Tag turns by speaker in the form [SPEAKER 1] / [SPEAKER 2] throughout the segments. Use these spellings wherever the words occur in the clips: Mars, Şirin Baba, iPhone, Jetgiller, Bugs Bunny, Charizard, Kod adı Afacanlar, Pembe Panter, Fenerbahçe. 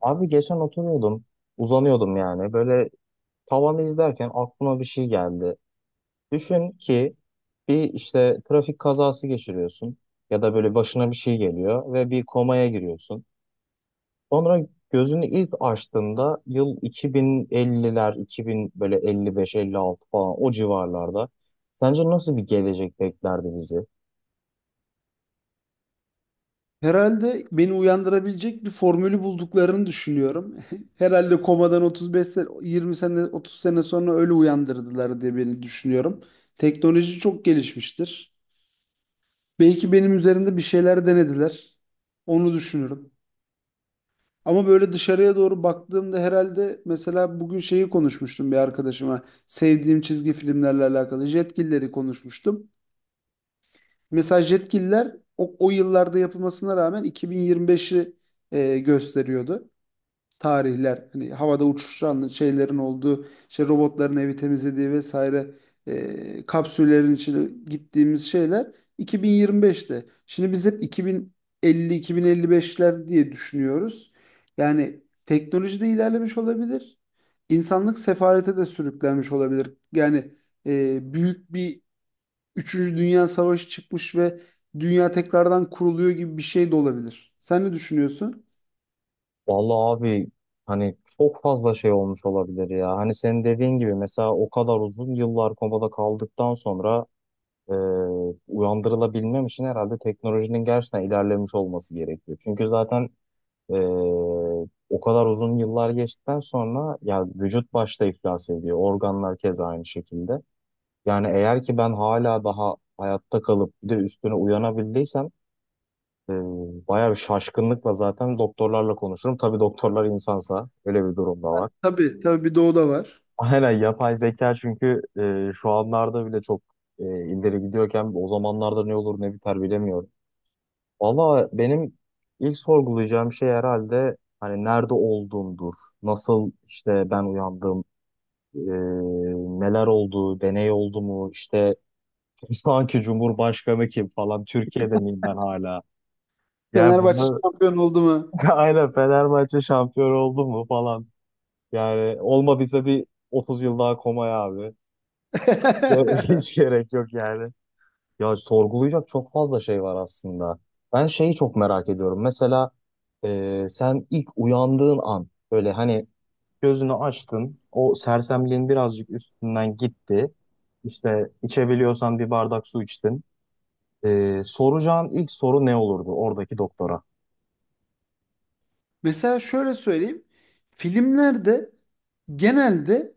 [SPEAKER 1] Abi geçen oturuyordum, uzanıyordum yani. Böyle tavanı izlerken aklıma bir şey geldi. Düşün ki bir işte trafik kazası geçiriyorsun ya da böyle başına bir şey geliyor ve bir komaya giriyorsun. Sonra gözünü ilk açtığında yıl 2050'ler, 2000 böyle 55, 56 falan o civarlarda. Sence nasıl bir gelecek beklerdi bizi?
[SPEAKER 2] Herhalde beni uyandırabilecek bir formülü bulduklarını düşünüyorum. Herhalde komadan 35 sene, 20 sene, 30 sene sonra öyle uyandırdılar diye beni düşünüyorum. Teknoloji çok gelişmiştir. Belki benim üzerinde bir şeyler denediler. Onu düşünüyorum. Ama böyle dışarıya doğru baktığımda herhalde mesela bugün şeyi konuşmuştum bir arkadaşıma. Sevdiğim çizgi filmlerle alakalı Jetgiller'i konuşmuştum. Mesela Jetgiller o yıllarda yapılmasına rağmen 2025'i gösteriyordu. Tarihler hani havada uçuşan şeylerin olduğu işte robotların evi temizlediği vesaire, kapsüllerin içine gittiğimiz şeyler 2025'te. Şimdi biz hep 2050-2055'ler diye düşünüyoruz. Yani teknoloji de ilerlemiş olabilir. İnsanlık sefalete de sürüklenmiş olabilir. Yani büyük bir Üçüncü Dünya Savaşı çıkmış ve dünya tekrardan kuruluyor gibi bir şey de olabilir. Sen ne düşünüyorsun?
[SPEAKER 1] Vallahi abi, hani çok fazla şey olmuş olabilir ya. Hani senin dediğin gibi mesela o kadar uzun yıllar komada kaldıktan sonra e, uyandırılabilmem için herhalde teknolojinin gerçekten ilerlemiş olması gerekiyor. Çünkü zaten e, o kadar uzun yıllar geçtikten sonra ya vücut başta iflas ediyor. Organlar keza aynı şekilde. Yani eğer ki ben hala daha hayatta kalıp bir de üstüne uyanabildiysem ee, bayağı bir şaşkınlıkla zaten doktorlarla konuşurum. Tabii doktorlar insansa öyle bir durum da var.
[SPEAKER 2] Tabii, tabii, bir doğu da var.
[SPEAKER 1] Aynen, yapay zeka çünkü şu anlarda bile çok ileri gidiyorken o zamanlarda ne olur ne biter bilemiyorum. Valla benim ilk sorgulayacağım şey herhalde hani nerede olduğumdur. Nasıl işte ben uyandım, e, neler oldu, deney oldu mu, işte şu anki Cumhurbaşkanı kim falan, Türkiye'de miyim ben hala? Yani
[SPEAKER 2] Fenerbahçe
[SPEAKER 1] bunu
[SPEAKER 2] şampiyon oldu mu?
[SPEAKER 1] aynen, Fenerbahçe şampiyon oldu mu falan. Yani olmadıysa bir 30 yıl daha komaya abi. Ya, hiç gerek yok yani. Ya sorgulayacak çok fazla şey var aslında. Ben şeyi çok merak ediyorum. Mesela sen ilk uyandığın an böyle hani gözünü açtın. O sersemliğin birazcık üstünden gitti. İşte içebiliyorsan bir bardak su içtin. E, soracağın ilk soru ne olurdu oradaki doktora?
[SPEAKER 2] Mesela şöyle söyleyeyim. Filmlerde genelde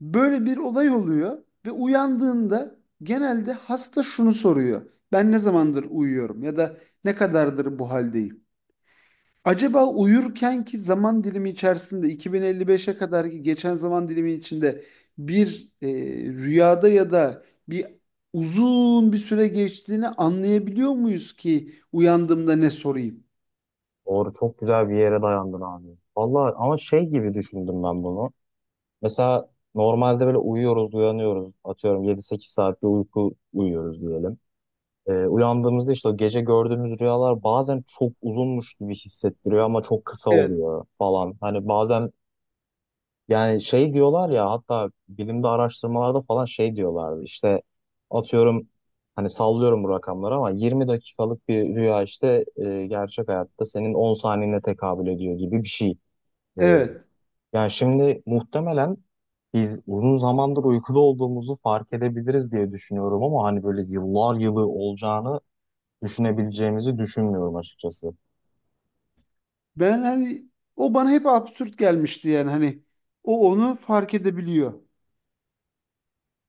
[SPEAKER 2] böyle bir olay oluyor ve uyandığında genelde hasta şunu soruyor. Ben ne zamandır uyuyorum ya da ne kadardır bu haldeyim? Acaba uyurkenki zaman dilimi içerisinde 2055'e kadarki geçen zaman dilimi içinde bir rüyada ya da bir uzun bir süre geçtiğini anlayabiliyor muyuz ki uyandığımda ne sorayım?
[SPEAKER 1] Doğru, çok güzel bir yere dayandın abi. Vallahi ama şey gibi düşündüm ben bunu. Mesela normalde böyle uyuyoruz, uyanıyoruz. Atıyorum yedi sekiz saat bir uyku uyuyoruz diyelim. Uyandığımızda işte o gece gördüğümüz rüyalar bazen çok uzunmuş gibi hissettiriyor ama çok kısa
[SPEAKER 2] Evet,
[SPEAKER 1] oluyor falan. Hani bazen yani şey diyorlar ya, hatta bilimde araştırmalarda falan şey diyorlardı, işte atıyorum, hani sallıyorum bu rakamları ama 20 dakikalık bir rüya işte gerçek hayatta senin 10 saniyene tekabül ediyor gibi bir şey. E,
[SPEAKER 2] evet.
[SPEAKER 1] Yani şimdi muhtemelen biz uzun zamandır uykuda olduğumuzu fark edebiliriz diye düşünüyorum ama hani böyle yıllar yılı olacağını düşünebileceğimizi düşünmüyorum açıkçası.
[SPEAKER 2] Ben hani o bana hep absürt gelmişti, yani hani o onu fark edebiliyor.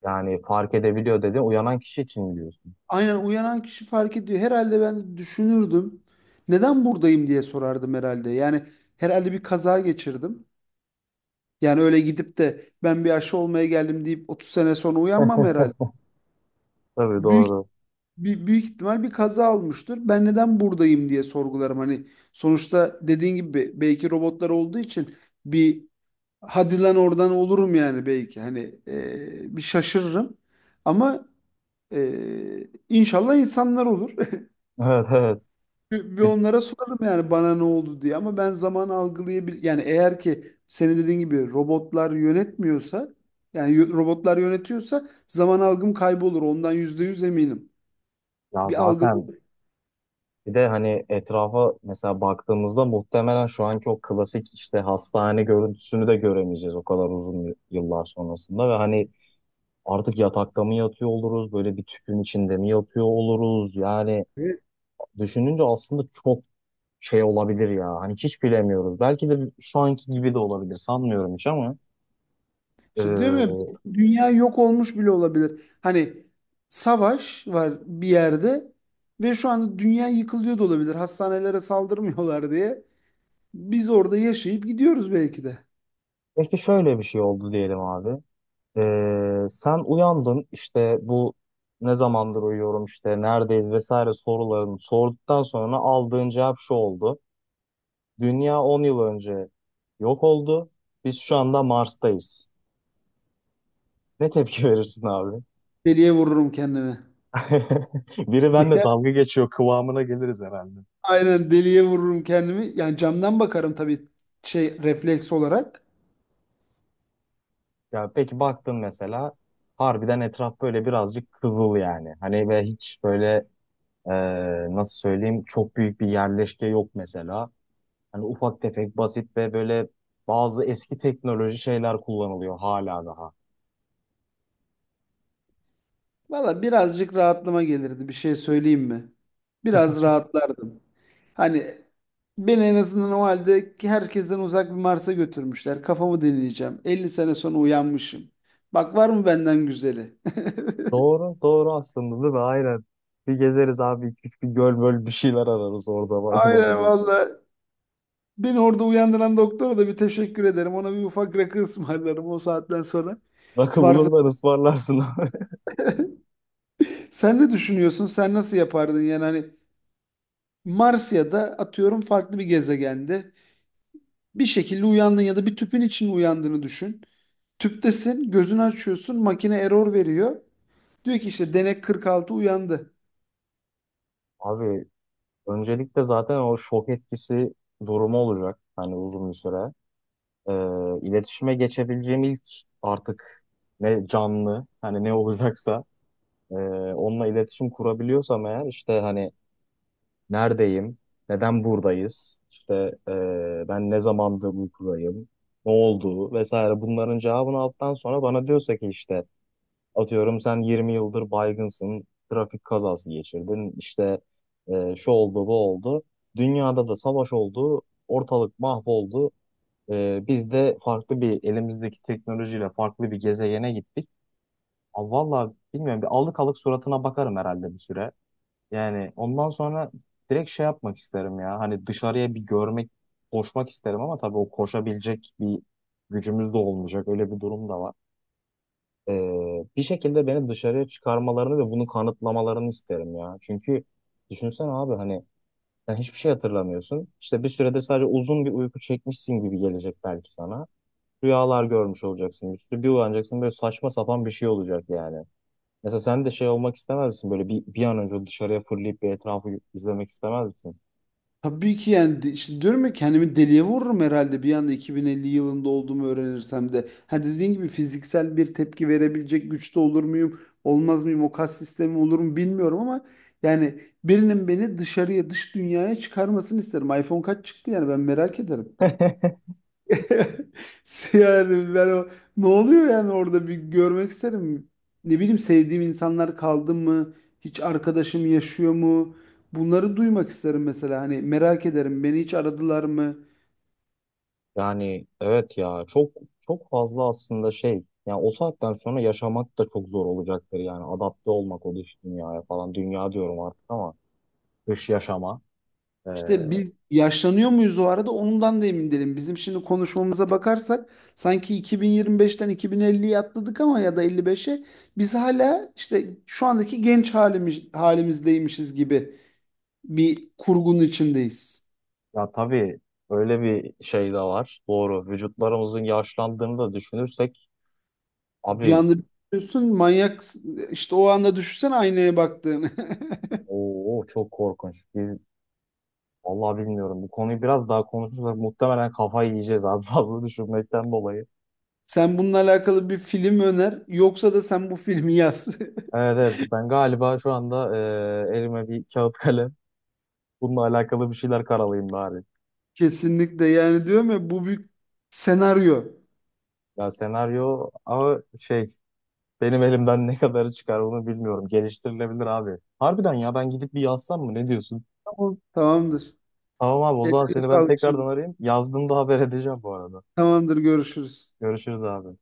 [SPEAKER 1] Yani fark edebiliyor, dedi uyanan kişi için diyorsun.
[SPEAKER 2] Aynen, uyanan kişi fark ediyor. Herhalde ben düşünürdüm. Neden buradayım diye sorardım herhalde. Yani herhalde bir kaza geçirdim. Yani öyle gidip de ben bir aşı olmaya geldim deyip 30 sene sonra uyanmam herhalde.
[SPEAKER 1] Tabii,
[SPEAKER 2] Büyük
[SPEAKER 1] doğru.
[SPEAKER 2] büyük ihtimal bir kaza olmuştur. Ben neden buradayım diye sorgularım. Hani sonuçta dediğin gibi belki robotlar olduğu için bir hadi lan oradan olurum yani belki hani bir şaşırırım ama inşallah insanlar olur.
[SPEAKER 1] Evet, evet.
[SPEAKER 2] Bir onlara sorarım yani bana ne oldu diye, ama ben zaman algılayabil yani eğer ki senin dediğin gibi robotlar yönetmiyorsa, yani robotlar yönetiyorsa zaman algım kaybolur, ondan %100 eminim.
[SPEAKER 1] Ya
[SPEAKER 2] Bir algı.
[SPEAKER 1] zaten bir de hani etrafa mesela baktığımızda muhtemelen şu anki o klasik işte hastane görüntüsünü de göremeyeceğiz o kadar uzun yıllar sonrasında ve hani artık yatakta mı yatıyor oluruz, böyle bir tüpün içinde mi yatıyor oluruz, yani düşününce aslında çok şey olabilir ya, hani hiç bilemiyoruz, belki de şu anki gibi de olabilir, sanmıyorum hiç ama
[SPEAKER 2] İşte değil mi?
[SPEAKER 1] e,
[SPEAKER 2] Dünya yok olmuş bile olabilir. Hani savaş var bir yerde ve şu anda dünya yıkılıyor da olabilir. Hastanelere saldırmıyorlar diye. Biz orada yaşayıp gidiyoruz belki de.
[SPEAKER 1] peki şöyle bir şey oldu diyelim abi. Sen uyandın, işte bu ne zamandır uyuyorum, işte neredeyiz vesaire sorularını sorduktan sonra aldığın cevap şu oldu. Dünya 10 yıl önce yok oldu. Biz şu anda Mars'tayız. Ne tepki verirsin abi?
[SPEAKER 2] Deliye vururum kendimi.
[SPEAKER 1] Biri benimle
[SPEAKER 2] Diye.
[SPEAKER 1] dalga geçiyor kıvamına geliriz herhalde.
[SPEAKER 2] Aynen, deliye vururum kendimi. Yani camdan bakarım tabii, şey, refleks olarak.
[SPEAKER 1] Ya peki baktın mesela, harbiden etraf böyle birazcık kızıl yani. Hani ve hiç böyle e, nasıl söyleyeyim, çok büyük bir yerleşke yok mesela. Hani ufak tefek, basit ve böyle bazı eski teknoloji şeyler kullanılıyor hala daha.
[SPEAKER 2] Valla birazcık rahatlama gelirdi, bir şey söyleyeyim mi? Biraz rahatlardım. Hani beni en azından o halde ki herkesten uzak bir Mars'a götürmüşler. Kafamı dinleyeceğim. 50 sene sonra uyanmışım. Bak, var mı benden güzeli?
[SPEAKER 1] Doğru, doğru aslında, değil mi? Aynen. Bir gezeriz abi. İki üç bir göl böl bir şeyler ararız orada, var-
[SPEAKER 2] Aynen
[SPEAKER 1] bulabilirsek.
[SPEAKER 2] valla. Beni orada uyandıran doktora da bir teşekkür ederim. Ona bir ufak rakı ısmarlarım o saatten sonra.
[SPEAKER 1] Rakı
[SPEAKER 2] Varsa.
[SPEAKER 1] bulurlar, ısmarlarsın abi.
[SPEAKER 2] Sen ne düşünüyorsun? Sen nasıl yapardın? Yani hani Mars ya da atıyorum farklı bir gezegende bir şekilde uyandın ya da bir tüpün içinde uyandığını düşün. Tüptesin, gözünü açıyorsun, makine error veriyor. Diyor ki işte denek 46 uyandı.
[SPEAKER 1] Abi öncelikle zaten o şok etkisi durumu olacak. Hani uzun bir süre. Ee, iletişime geçebileceğim ilk, artık ne canlı hani ne olacaksa, e, onunla iletişim kurabiliyorsam eğer, işte hani neredeyim? Neden buradayız? İşte ben ne zamandır uykudayım? Ne oldu? Vesaire, bunların cevabını aldıktan sonra bana diyorsa ki işte atıyorum sen 20 yıldır baygınsın, trafik kazası geçirdin, işte şu oldu bu oldu. Dünyada da savaş oldu, ortalık mahvoldu. Biz de farklı bir, elimizdeki teknolojiyle farklı bir gezegene gittik. Aa, vallahi bilmiyorum, bir alık alık suratına bakarım herhalde bir süre. Yani ondan sonra direkt şey yapmak isterim ya. Hani dışarıya bir görmek, koşmak isterim ama tabii o koşabilecek bir gücümüz de olmayacak. Öyle bir durum da var. Bir şekilde beni dışarıya çıkarmalarını ve bunu kanıtlamalarını isterim ya. Çünkü düşünsene abi, hani sen hiçbir şey hatırlamıyorsun. İşte bir süredir sadece uzun bir uyku çekmişsin gibi gelecek belki sana. Rüyalar görmüş olacaksın. Üstü bir uyanacaksın, böyle saçma sapan bir şey olacak yani. Mesela sen de şey olmak istemez misin? Böyle bir an önce dışarıya fırlayıp bir etrafı izlemek istemez misin?
[SPEAKER 2] Tabii ki yani işte diyorum ya, kendimi deliye vururum herhalde bir anda 2050 yılında olduğumu öğrenirsem de. Ha, dediğin gibi fiziksel bir tepki verebilecek güçte olur muyum, olmaz mıyım, o kas sistemi olur mu bilmiyorum ama yani birinin beni dışarıya, dış dünyaya çıkarmasını isterim. iPhone kaç çıktı yani, ben merak ederim. Yani ben o ne oluyor yani, orada bir görmek isterim. Ne bileyim, sevdiğim insanlar kaldı mı? Hiç arkadaşım yaşıyor mu? Bunları duymak isterim mesela. Hani merak ederim. Beni hiç aradılar mı?
[SPEAKER 1] Yani evet ya, çok çok fazla aslında şey. Yani o saatten sonra yaşamak da çok zor olacaktır yani. Adapte olmak o dış dünyaya falan. Dünya diyorum artık ama dış yaşama. Ee,
[SPEAKER 2] İşte biz yaşlanıyor muyuz o arada? Ondan da emin değilim. Bizim şimdi konuşmamıza bakarsak sanki 2025'ten 2050'ye atladık, ama ya da 55'e, biz hala işte şu andaki genç halimizdeymişiz gibi bir kurgunun içindeyiz.
[SPEAKER 1] Ya tabii öyle bir şey de var. Doğru. Vücutlarımızın yaşlandığını da düşünürsek
[SPEAKER 2] Bir
[SPEAKER 1] abi,
[SPEAKER 2] anda düşünüyorsun manyak, işte o anda düşünsen aynaya baktığını.
[SPEAKER 1] o çok korkunç. Biz, vallahi bilmiyorum. Bu konuyu biraz daha konuşursak muhtemelen kafayı yiyeceğiz abi, fazla düşünmekten dolayı.
[SPEAKER 2] Sen bununla alakalı bir film öner, yoksa da sen bu filmi yaz.
[SPEAKER 1] Evet, evet, ben galiba şu anda elime bir kağıt kalem. Bununla alakalı bir şeyler karalayayım bari.
[SPEAKER 2] Kesinlikle, yani diyorum ya bu bir senaryo.
[SPEAKER 1] Ya senaryo ama şey, benim elimden ne kadarı çıkar onu bilmiyorum. Geliştirilebilir abi. Harbiden ya, ben gidip bir yazsam mı, ne diyorsun?
[SPEAKER 2] Tamam. Tamamdır.
[SPEAKER 1] Tamam abi, o
[SPEAKER 2] Eline
[SPEAKER 1] zaman seni ben
[SPEAKER 2] sağlık şimdi.
[SPEAKER 1] tekrardan arayayım. Yazdığımda haber edeceğim bu arada.
[SPEAKER 2] Tamamdır, görüşürüz.
[SPEAKER 1] Görüşürüz abi.